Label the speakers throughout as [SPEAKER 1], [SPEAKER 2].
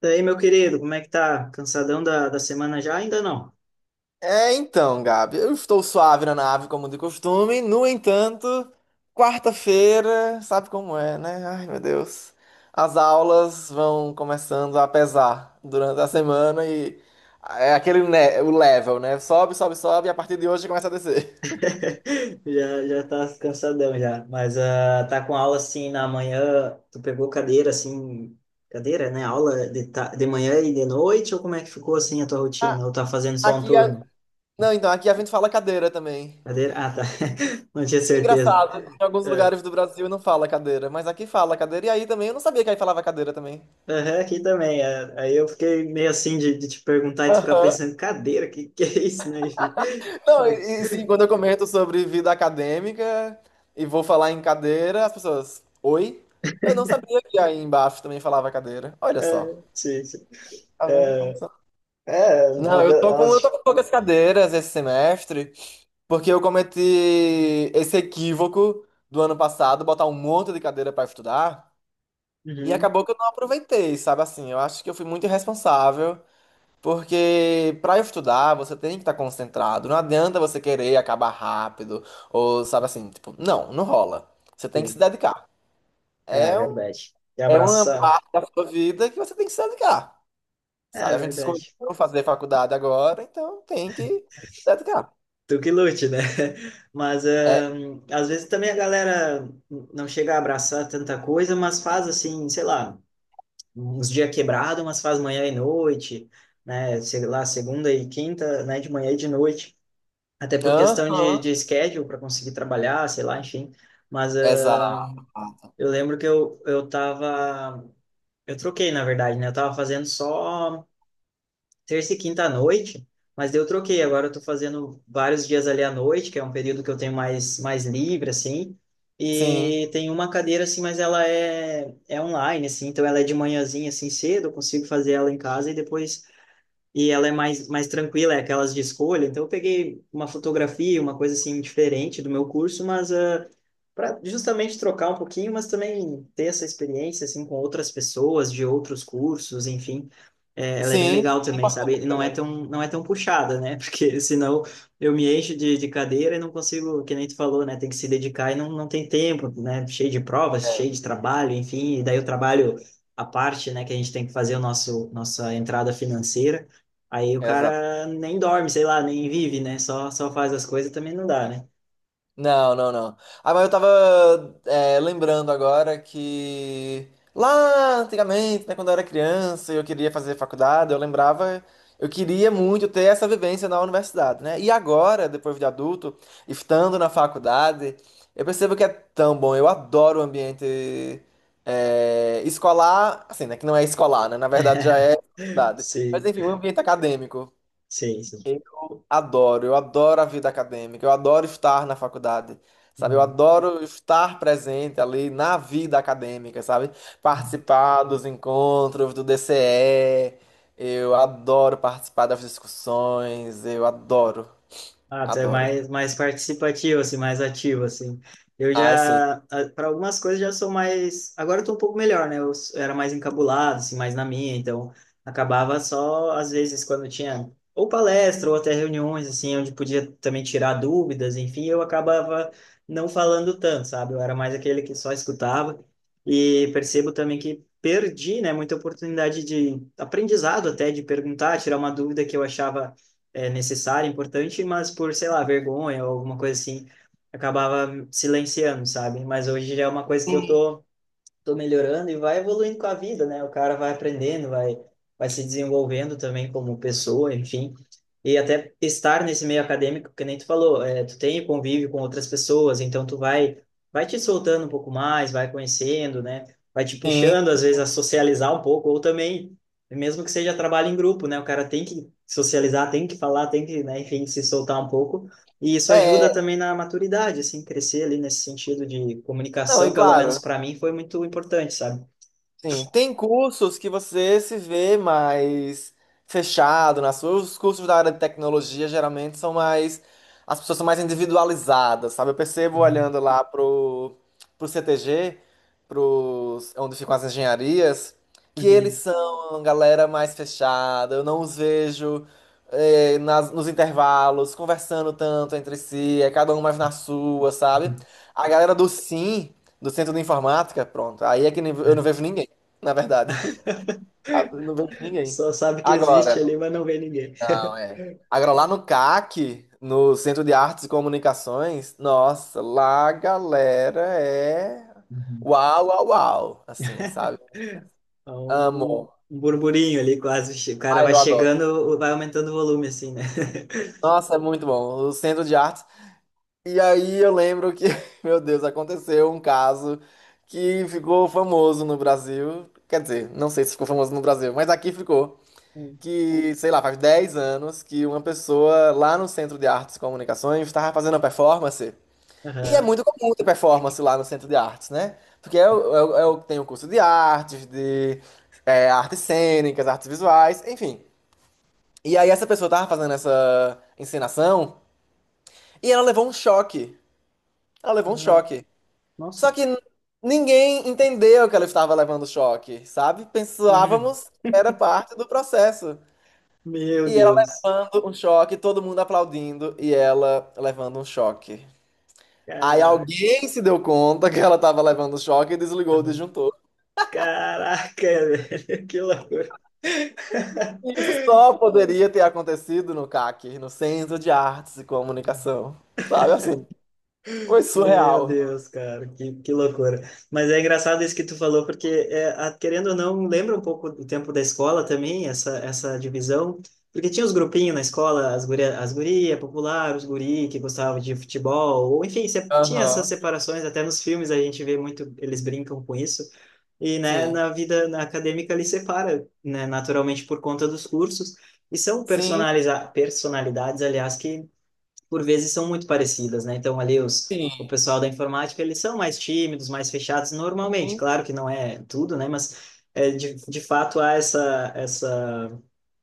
[SPEAKER 1] Daí, meu querido, como é que tá? Cansadão da semana já? Ainda não.
[SPEAKER 2] É, então, Gabi, eu estou suave na nave, como de costume. No entanto, quarta-feira, sabe como é, né? Ai, meu Deus. As aulas vão começando a pesar durante a semana e é aquele, né, o level, né? Sobe, sobe, sobe e a partir de hoje começa a descer.
[SPEAKER 1] Já tá cansadão já. Mas tá com aula assim na manhã. Tu pegou cadeira assim, cadeira, né? Aula de manhã e de noite? Ou como é que ficou assim a tua
[SPEAKER 2] Ah,
[SPEAKER 1] rotina? Ou tá fazendo só um
[SPEAKER 2] Aqui a...
[SPEAKER 1] turno?
[SPEAKER 2] Não, então, aqui a gente fala cadeira também.
[SPEAKER 1] Cadeira? Ah, tá. Não tinha certeza.
[SPEAKER 2] Engraçado, em alguns
[SPEAKER 1] É,
[SPEAKER 2] lugares do Brasil não fala cadeira, mas aqui fala cadeira. E aí também, eu não sabia que aí falava cadeira também.
[SPEAKER 1] aham, aqui também. É. Aí eu fiquei meio assim de te perguntar e tu ficar
[SPEAKER 2] Aham.
[SPEAKER 1] pensando, cadeira, que é isso, né? Enfim.
[SPEAKER 2] Não,
[SPEAKER 1] Mas,
[SPEAKER 2] sim, quando eu comento sobre vida acadêmica e vou falar em cadeira, as pessoas, oi? Eu não sabia que aí embaixo também falava cadeira. Olha só.
[SPEAKER 1] é, sim, sim.
[SPEAKER 2] Tá vendo?
[SPEAKER 1] Ah,
[SPEAKER 2] Como são?
[SPEAKER 1] é,
[SPEAKER 2] Não, eu
[SPEAKER 1] muda
[SPEAKER 2] tô com, eu tô
[SPEAKER 1] umas.
[SPEAKER 2] com poucas cadeiras esse semestre, porque eu cometi esse equívoco do ano passado, botar um monte de cadeira pra estudar, e
[SPEAKER 1] Uhum,
[SPEAKER 2] acabou que eu não aproveitei, sabe assim? Eu acho que eu fui muito irresponsável. Porque para estudar, você tem que estar concentrado. Não adianta você querer acabar rápido, ou sabe assim, tipo, não, não rola. Você tem que se
[SPEAKER 1] sim.
[SPEAKER 2] dedicar.
[SPEAKER 1] É
[SPEAKER 2] É,
[SPEAKER 1] verdade. E
[SPEAKER 2] é uma
[SPEAKER 1] abraçar.
[SPEAKER 2] parte da sua vida que você tem que se dedicar. Sabe?
[SPEAKER 1] É
[SPEAKER 2] A gente escolheu
[SPEAKER 1] verdade.
[SPEAKER 2] fazer faculdade agora, então tem que se dedicar.
[SPEAKER 1] Tu que lute, né? Mas
[SPEAKER 2] É,
[SPEAKER 1] às vezes também a galera não chega a abraçar tanta coisa, mas faz assim, sei lá, uns dias quebrado, mas faz manhã e noite, né? Sei lá, segunda e quinta, né? De manhã e de noite. Até por questão
[SPEAKER 2] aham,
[SPEAKER 1] de schedule para conseguir trabalhar, sei lá, enfim. Mas
[SPEAKER 2] exato.
[SPEAKER 1] eu tava. Eu troquei, na verdade, né? Eu tava fazendo só terça e quinta à noite, mas daí eu troquei. Agora eu tô fazendo vários dias ali à noite, que é um período que eu tenho mais livre, assim.
[SPEAKER 2] Sim,
[SPEAKER 1] E tem uma cadeira, assim, mas ela é online, assim, então ela é de manhãzinha, assim, cedo, eu consigo fazer ela em casa e depois. E ela é mais tranquila, é aquelas de escolha. Então eu peguei uma fotografia, uma coisa, assim, diferente do meu curso, mas para justamente trocar um pouquinho, mas também ter essa experiência, assim, com outras pessoas de outros cursos, enfim. É, ela é bem
[SPEAKER 2] sim.
[SPEAKER 1] legal também, sabe? E
[SPEAKER 2] Também.
[SPEAKER 1] não é tão puxada, né? Porque senão eu me encho de cadeira e não consigo, que nem tu falou, né? Tem que se dedicar e não tem tempo, né? Cheio de provas,
[SPEAKER 2] É,
[SPEAKER 1] cheio de trabalho, enfim. E daí o trabalho a parte, né? Que a gente tem que fazer o nossa entrada financeira. Aí o
[SPEAKER 2] exato.
[SPEAKER 1] cara nem dorme, sei lá, nem vive, né? Só faz as coisas também não dá, né?
[SPEAKER 2] Não, não, não. Ah, mas eu tava lembrando agora que lá antigamente, né, quando eu era criança e eu queria fazer faculdade, eu lembrava, eu queria muito ter essa vivência na universidade, né? E agora, depois de adulto, estando na faculdade, eu percebo que é tão bom. Eu adoro o ambiente escolar, assim, né? Que não é escolar, né? Na verdade já é faculdade. Mas
[SPEAKER 1] Sim,
[SPEAKER 2] enfim, o ambiente acadêmico.
[SPEAKER 1] sim, sim.
[SPEAKER 2] Adoro, eu adoro a vida acadêmica, eu adoro estar na faculdade, sabe? Eu adoro estar presente ali na vida acadêmica, sabe?
[SPEAKER 1] Uhum.
[SPEAKER 2] Participar dos encontros do DCE, eu adoro participar das discussões, eu adoro,
[SPEAKER 1] Ah, tu é
[SPEAKER 2] adoro.
[SPEAKER 1] mais participativo, assim, mais ativo, assim. Eu
[SPEAKER 2] Ai, sim.
[SPEAKER 1] já, para algumas coisas, já sou mais. Agora eu tô um pouco melhor, né? Era mais encabulado, assim, mais na minha, então acabava só, às vezes, quando tinha ou palestra ou até reuniões, assim, onde podia também tirar dúvidas, enfim, eu acabava não falando tanto, sabe? Eu era mais aquele que só escutava. E percebo também que perdi, né, muita oportunidade de aprendizado até, de perguntar, tirar uma dúvida que eu achava é necessária, importante, mas por, sei lá, vergonha ou alguma coisa assim, acabava silenciando, sabe? Mas hoje já é uma coisa que eu tô melhorando e vai evoluindo com a vida, né? O cara vai aprendendo, vai se desenvolvendo também como pessoa, enfim. E até estar nesse meio acadêmico, que nem tu falou, é, tu tem convívio com outras pessoas, então vai te soltando um pouco mais, vai conhecendo, né? Vai te
[SPEAKER 2] Sim,
[SPEAKER 1] puxando, às vezes, a socializar um pouco, ou também, mesmo que seja trabalho em grupo, né? O cara tem que socializar, tem que falar, tem que, né, enfim, se soltar um pouco. E isso
[SPEAKER 2] é,
[SPEAKER 1] ajuda também na maturidade, assim, crescer ali nesse sentido de
[SPEAKER 2] não, e
[SPEAKER 1] comunicação, pelo menos
[SPEAKER 2] claro,
[SPEAKER 1] para mim, foi muito importante, sabe?
[SPEAKER 2] sim, tem cursos que você se vê mais fechado nas suas. Os cursos da área de tecnologia geralmente são mais. As pessoas são mais individualizadas, sabe? Eu percebo
[SPEAKER 1] Uhum,
[SPEAKER 2] olhando lá pro CTG, pros, é onde ficam as engenharias, que eles
[SPEAKER 1] uhum,
[SPEAKER 2] são uma galera mais fechada. Eu não os vejo nos intervalos conversando tanto entre si, é cada um mais na sua, sabe?
[SPEAKER 1] uhum.
[SPEAKER 2] A galera do, sim, do Centro de Informática, pronto, aí é que eu não
[SPEAKER 1] É.
[SPEAKER 2] vejo ninguém na verdade. Ah, não vejo ninguém.
[SPEAKER 1] Só sabe que existe
[SPEAKER 2] Agora,
[SPEAKER 1] ali, mas não vê ninguém.
[SPEAKER 2] não, é. Agora, lá no CAC, no Centro de Artes e Comunicações, nossa, lá a galera é
[SPEAKER 1] Uhum.
[SPEAKER 2] uau, uau, uau, assim, sabe?
[SPEAKER 1] Há
[SPEAKER 2] Amo.
[SPEAKER 1] um burburinho ali, quase. O cara
[SPEAKER 2] Ai,
[SPEAKER 1] vai
[SPEAKER 2] eu adoro.
[SPEAKER 1] chegando, vai aumentando o volume, assim, né?
[SPEAKER 2] Nossa, é muito bom. O Centro de Artes. E aí eu lembro que, meu Deus, aconteceu um caso que ficou famoso no Brasil. Quer dizer, não sei se ficou famoso no Brasil, mas aqui ficou.
[SPEAKER 1] Uhum.
[SPEAKER 2] Que, sei lá, faz 10 anos que uma pessoa lá no Centro de Artes e Comunicações estava fazendo uma performance. E é
[SPEAKER 1] Aham.
[SPEAKER 2] muito comum ter performance lá no Centro de Artes, né? Porque é curso de artes, de artes cênicas, artes visuais, enfim. E aí essa pessoa estava fazendo essa encenação e ela levou um choque. Ela levou um
[SPEAKER 1] Uhum.
[SPEAKER 2] choque. Só
[SPEAKER 1] Nossa.
[SPEAKER 2] que ninguém entendeu que ela estava levando choque, sabe?
[SPEAKER 1] Uhum.
[SPEAKER 2] Pensávamos que era parte do processo.
[SPEAKER 1] Meu
[SPEAKER 2] E ela
[SPEAKER 1] Deus.
[SPEAKER 2] levando um choque, todo mundo aplaudindo e ela levando um choque. Aí
[SPEAKER 1] Caraca.
[SPEAKER 2] alguém se deu conta que ela estava levando choque e desligou o
[SPEAKER 1] Uhum.
[SPEAKER 2] disjuntor.
[SPEAKER 1] Caraca, velho. Que loucura.
[SPEAKER 2] Isso só poderia ter acontecido no CAC, no Centro de Artes e Comunicação. Sabe assim? Foi
[SPEAKER 1] Meu
[SPEAKER 2] surreal.
[SPEAKER 1] Deus, cara, que loucura. Mas é engraçado isso que tu falou, porque, é, querendo ou não, lembra um pouco do tempo da escola também, essa divisão. Porque tinha os grupinhos na escola, as guria popular, os guri que gostavam de futebol, ou enfim, tinha essas
[SPEAKER 2] Aham.
[SPEAKER 1] separações, até nos filmes a gente vê muito, eles brincam com isso. E, né,
[SPEAKER 2] Sim.
[SPEAKER 1] na vida na acadêmica ele separa, né, naturalmente por conta dos cursos. E são
[SPEAKER 2] Sim,
[SPEAKER 1] personaliza personalidades, aliás, que por vezes são muito parecidas, né? Então ali os o
[SPEAKER 2] sim.
[SPEAKER 1] pessoal da informática eles são mais tímidos, mais fechados normalmente.
[SPEAKER 2] Sim,
[SPEAKER 1] Claro que não é tudo, né? Mas é, de fato há essa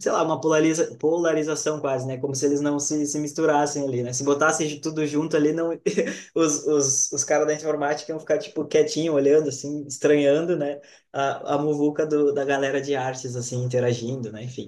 [SPEAKER 1] sei lá uma polarização quase, né? Como se eles não se misturassem ali, né? Se botassem de tudo junto ali, não os caras da informática iam ficar tipo quietinho olhando assim, estranhando, né? A muvuca da galera de artes assim interagindo, né? Enfim,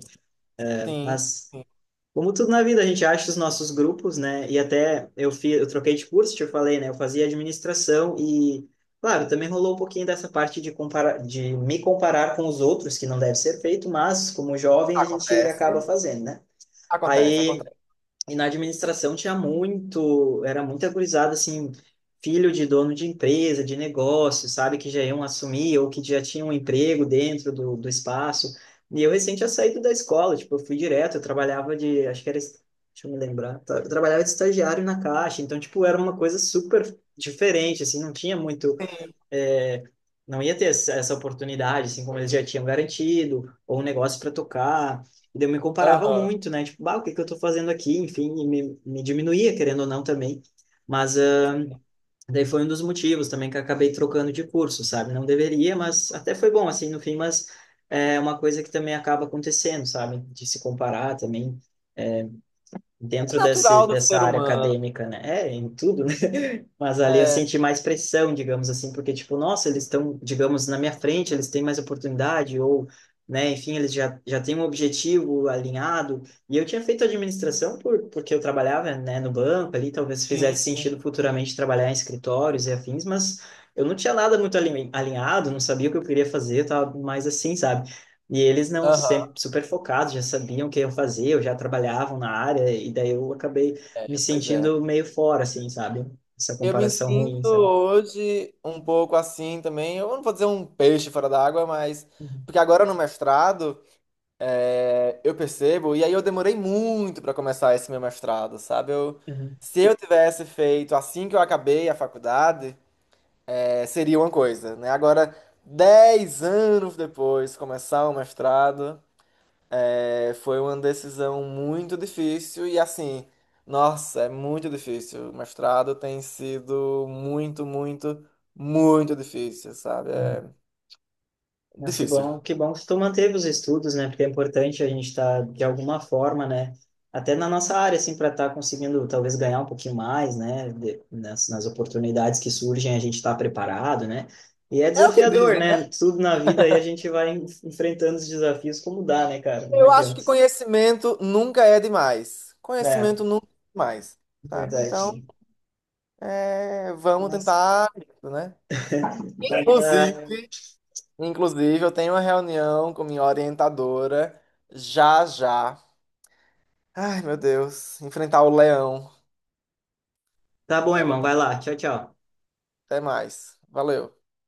[SPEAKER 2] sim.
[SPEAKER 1] mas
[SPEAKER 2] Sim.
[SPEAKER 1] como tudo na vida, a gente acha os nossos grupos, né? E até eu fiz, eu troquei de curso, te falei, né? Eu fazia administração e, claro, também rolou um pouquinho dessa parte de comparar, de me comparar com os outros, que não deve ser feito, mas como jovem a gente acaba
[SPEAKER 2] Acontece.
[SPEAKER 1] fazendo, né?
[SPEAKER 2] Acontece,
[SPEAKER 1] Aí
[SPEAKER 2] acontece.
[SPEAKER 1] e na administração tinha muito, era muito gurizada, assim, filho de dono de empresa, de negócio, sabe, que já iam assumir ou que já tinham um emprego dentro do espaço. E eu recente tinha saído da escola, tipo, eu fui direto, eu trabalhava de, acho que era, deixa eu me lembrar, tá, eu trabalhava de estagiário na Caixa, então, tipo, era uma coisa super diferente, assim, não tinha muito
[SPEAKER 2] Sim.
[SPEAKER 1] é, não ia ter essa oportunidade, assim como eles já tinham garantido, ou um negócio para tocar. E daí eu me comparava
[SPEAKER 2] Aham.
[SPEAKER 1] muito, né? Tipo, bah, o que que eu tô fazendo aqui? Enfim, me diminuía, querendo ou não, também. Mas daí foi um dos motivos também que eu acabei trocando de curso, sabe? Não deveria, mas até foi bom, assim, no fim, mas é uma coisa que também acaba acontecendo, sabe? De se comparar também. É, dentro
[SPEAKER 2] É natural do
[SPEAKER 1] dessa
[SPEAKER 2] ser
[SPEAKER 1] área
[SPEAKER 2] humano.
[SPEAKER 1] acadêmica, né? É, em tudo, né? Mas ali eu
[SPEAKER 2] É.
[SPEAKER 1] senti mais pressão, digamos assim, porque, tipo, nossa, eles estão, digamos, na minha frente, eles têm mais oportunidade, ou, né, enfim, já têm um objetivo alinhado. E eu tinha feito administração porque eu trabalhava, né, no banco ali, talvez
[SPEAKER 2] Sim,
[SPEAKER 1] fizesse
[SPEAKER 2] sim.
[SPEAKER 1] sentido futuramente trabalhar em escritórios e afins, mas eu não tinha nada muito alinhado, não sabia o que eu queria fazer, eu tava mais assim, sabe? E eles não,
[SPEAKER 2] Aham.
[SPEAKER 1] sempre super focados, já sabiam o que eu fazia, eu já trabalhavam na área, e daí eu acabei me
[SPEAKER 2] É, pois é.
[SPEAKER 1] sentindo meio fora, assim, sabe? Essa
[SPEAKER 2] Eu me
[SPEAKER 1] comparação ruim,
[SPEAKER 2] sinto
[SPEAKER 1] sabe?
[SPEAKER 2] hoje um pouco assim também. Eu não vou dizer um peixe fora d'água, mas.
[SPEAKER 1] Uhum.
[SPEAKER 2] Porque agora no mestrado, eu percebo, e aí eu demorei muito para começar esse meu mestrado, sabe?
[SPEAKER 1] Uhum.
[SPEAKER 2] Se eu tivesse feito assim que eu acabei a faculdade, seria uma coisa, né? Agora, 10 anos depois, começar o mestrado. É, foi uma decisão muito difícil e assim, nossa, é muito difícil. O mestrado tem sido muito, muito, muito difícil, sabe?
[SPEAKER 1] Uhum.
[SPEAKER 2] É
[SPEAKER 1] Mas
[SPEAKER 2] difícil.
[SPEAKER 1] que bom que tu manteve os estudos, né? Porque é importante a gente estar, de alguma forma, né? Até na nossa área, assim, para estar conseguindo talvez ganhar um pouquinho mais, né? De, nas oportunidades que surgem, a gente está preparado, né? E é
[SPEAKER 2] É o que
[SPEAKER 1] desafiador,
[SPEAKER 2] dizem, né?
[SPEAKER 1] né? Tudo na vida aí a gente vai enfrentando os desafios como dá, né, cara? Não
[SPEAKER 2] Eu acho que
[SPEAKER 1] adianta.
[SPEAKER 2] conhecimento nunca é demais.
[SPEAKER 1] É,
[SPEAKER 2] Conhecimento nunca é demais, sabe? Então,
[SPEAKER 1] verdade.
[SPEAKER 2] vamos
[SPEAKER 1] Mas,
[SPEAKER 2] tentar, isso, né?
[SPEAKER 1] ah,
[SPEAKER 2] Inclusive, inclusive, eu tenho uma reunião com minha orientadora já já. Ai, meu Deus, enfrentar o leão.
[SPEAKER 1] tá bom,
[SPEAKER 2] Ela
[SPEAKER 1] irmão.
[SPEAKER 2] tá
[SPEAKER 1] Vai lá. Tchau, tchau.
[SPEAKER 2] Até mais. Valeu.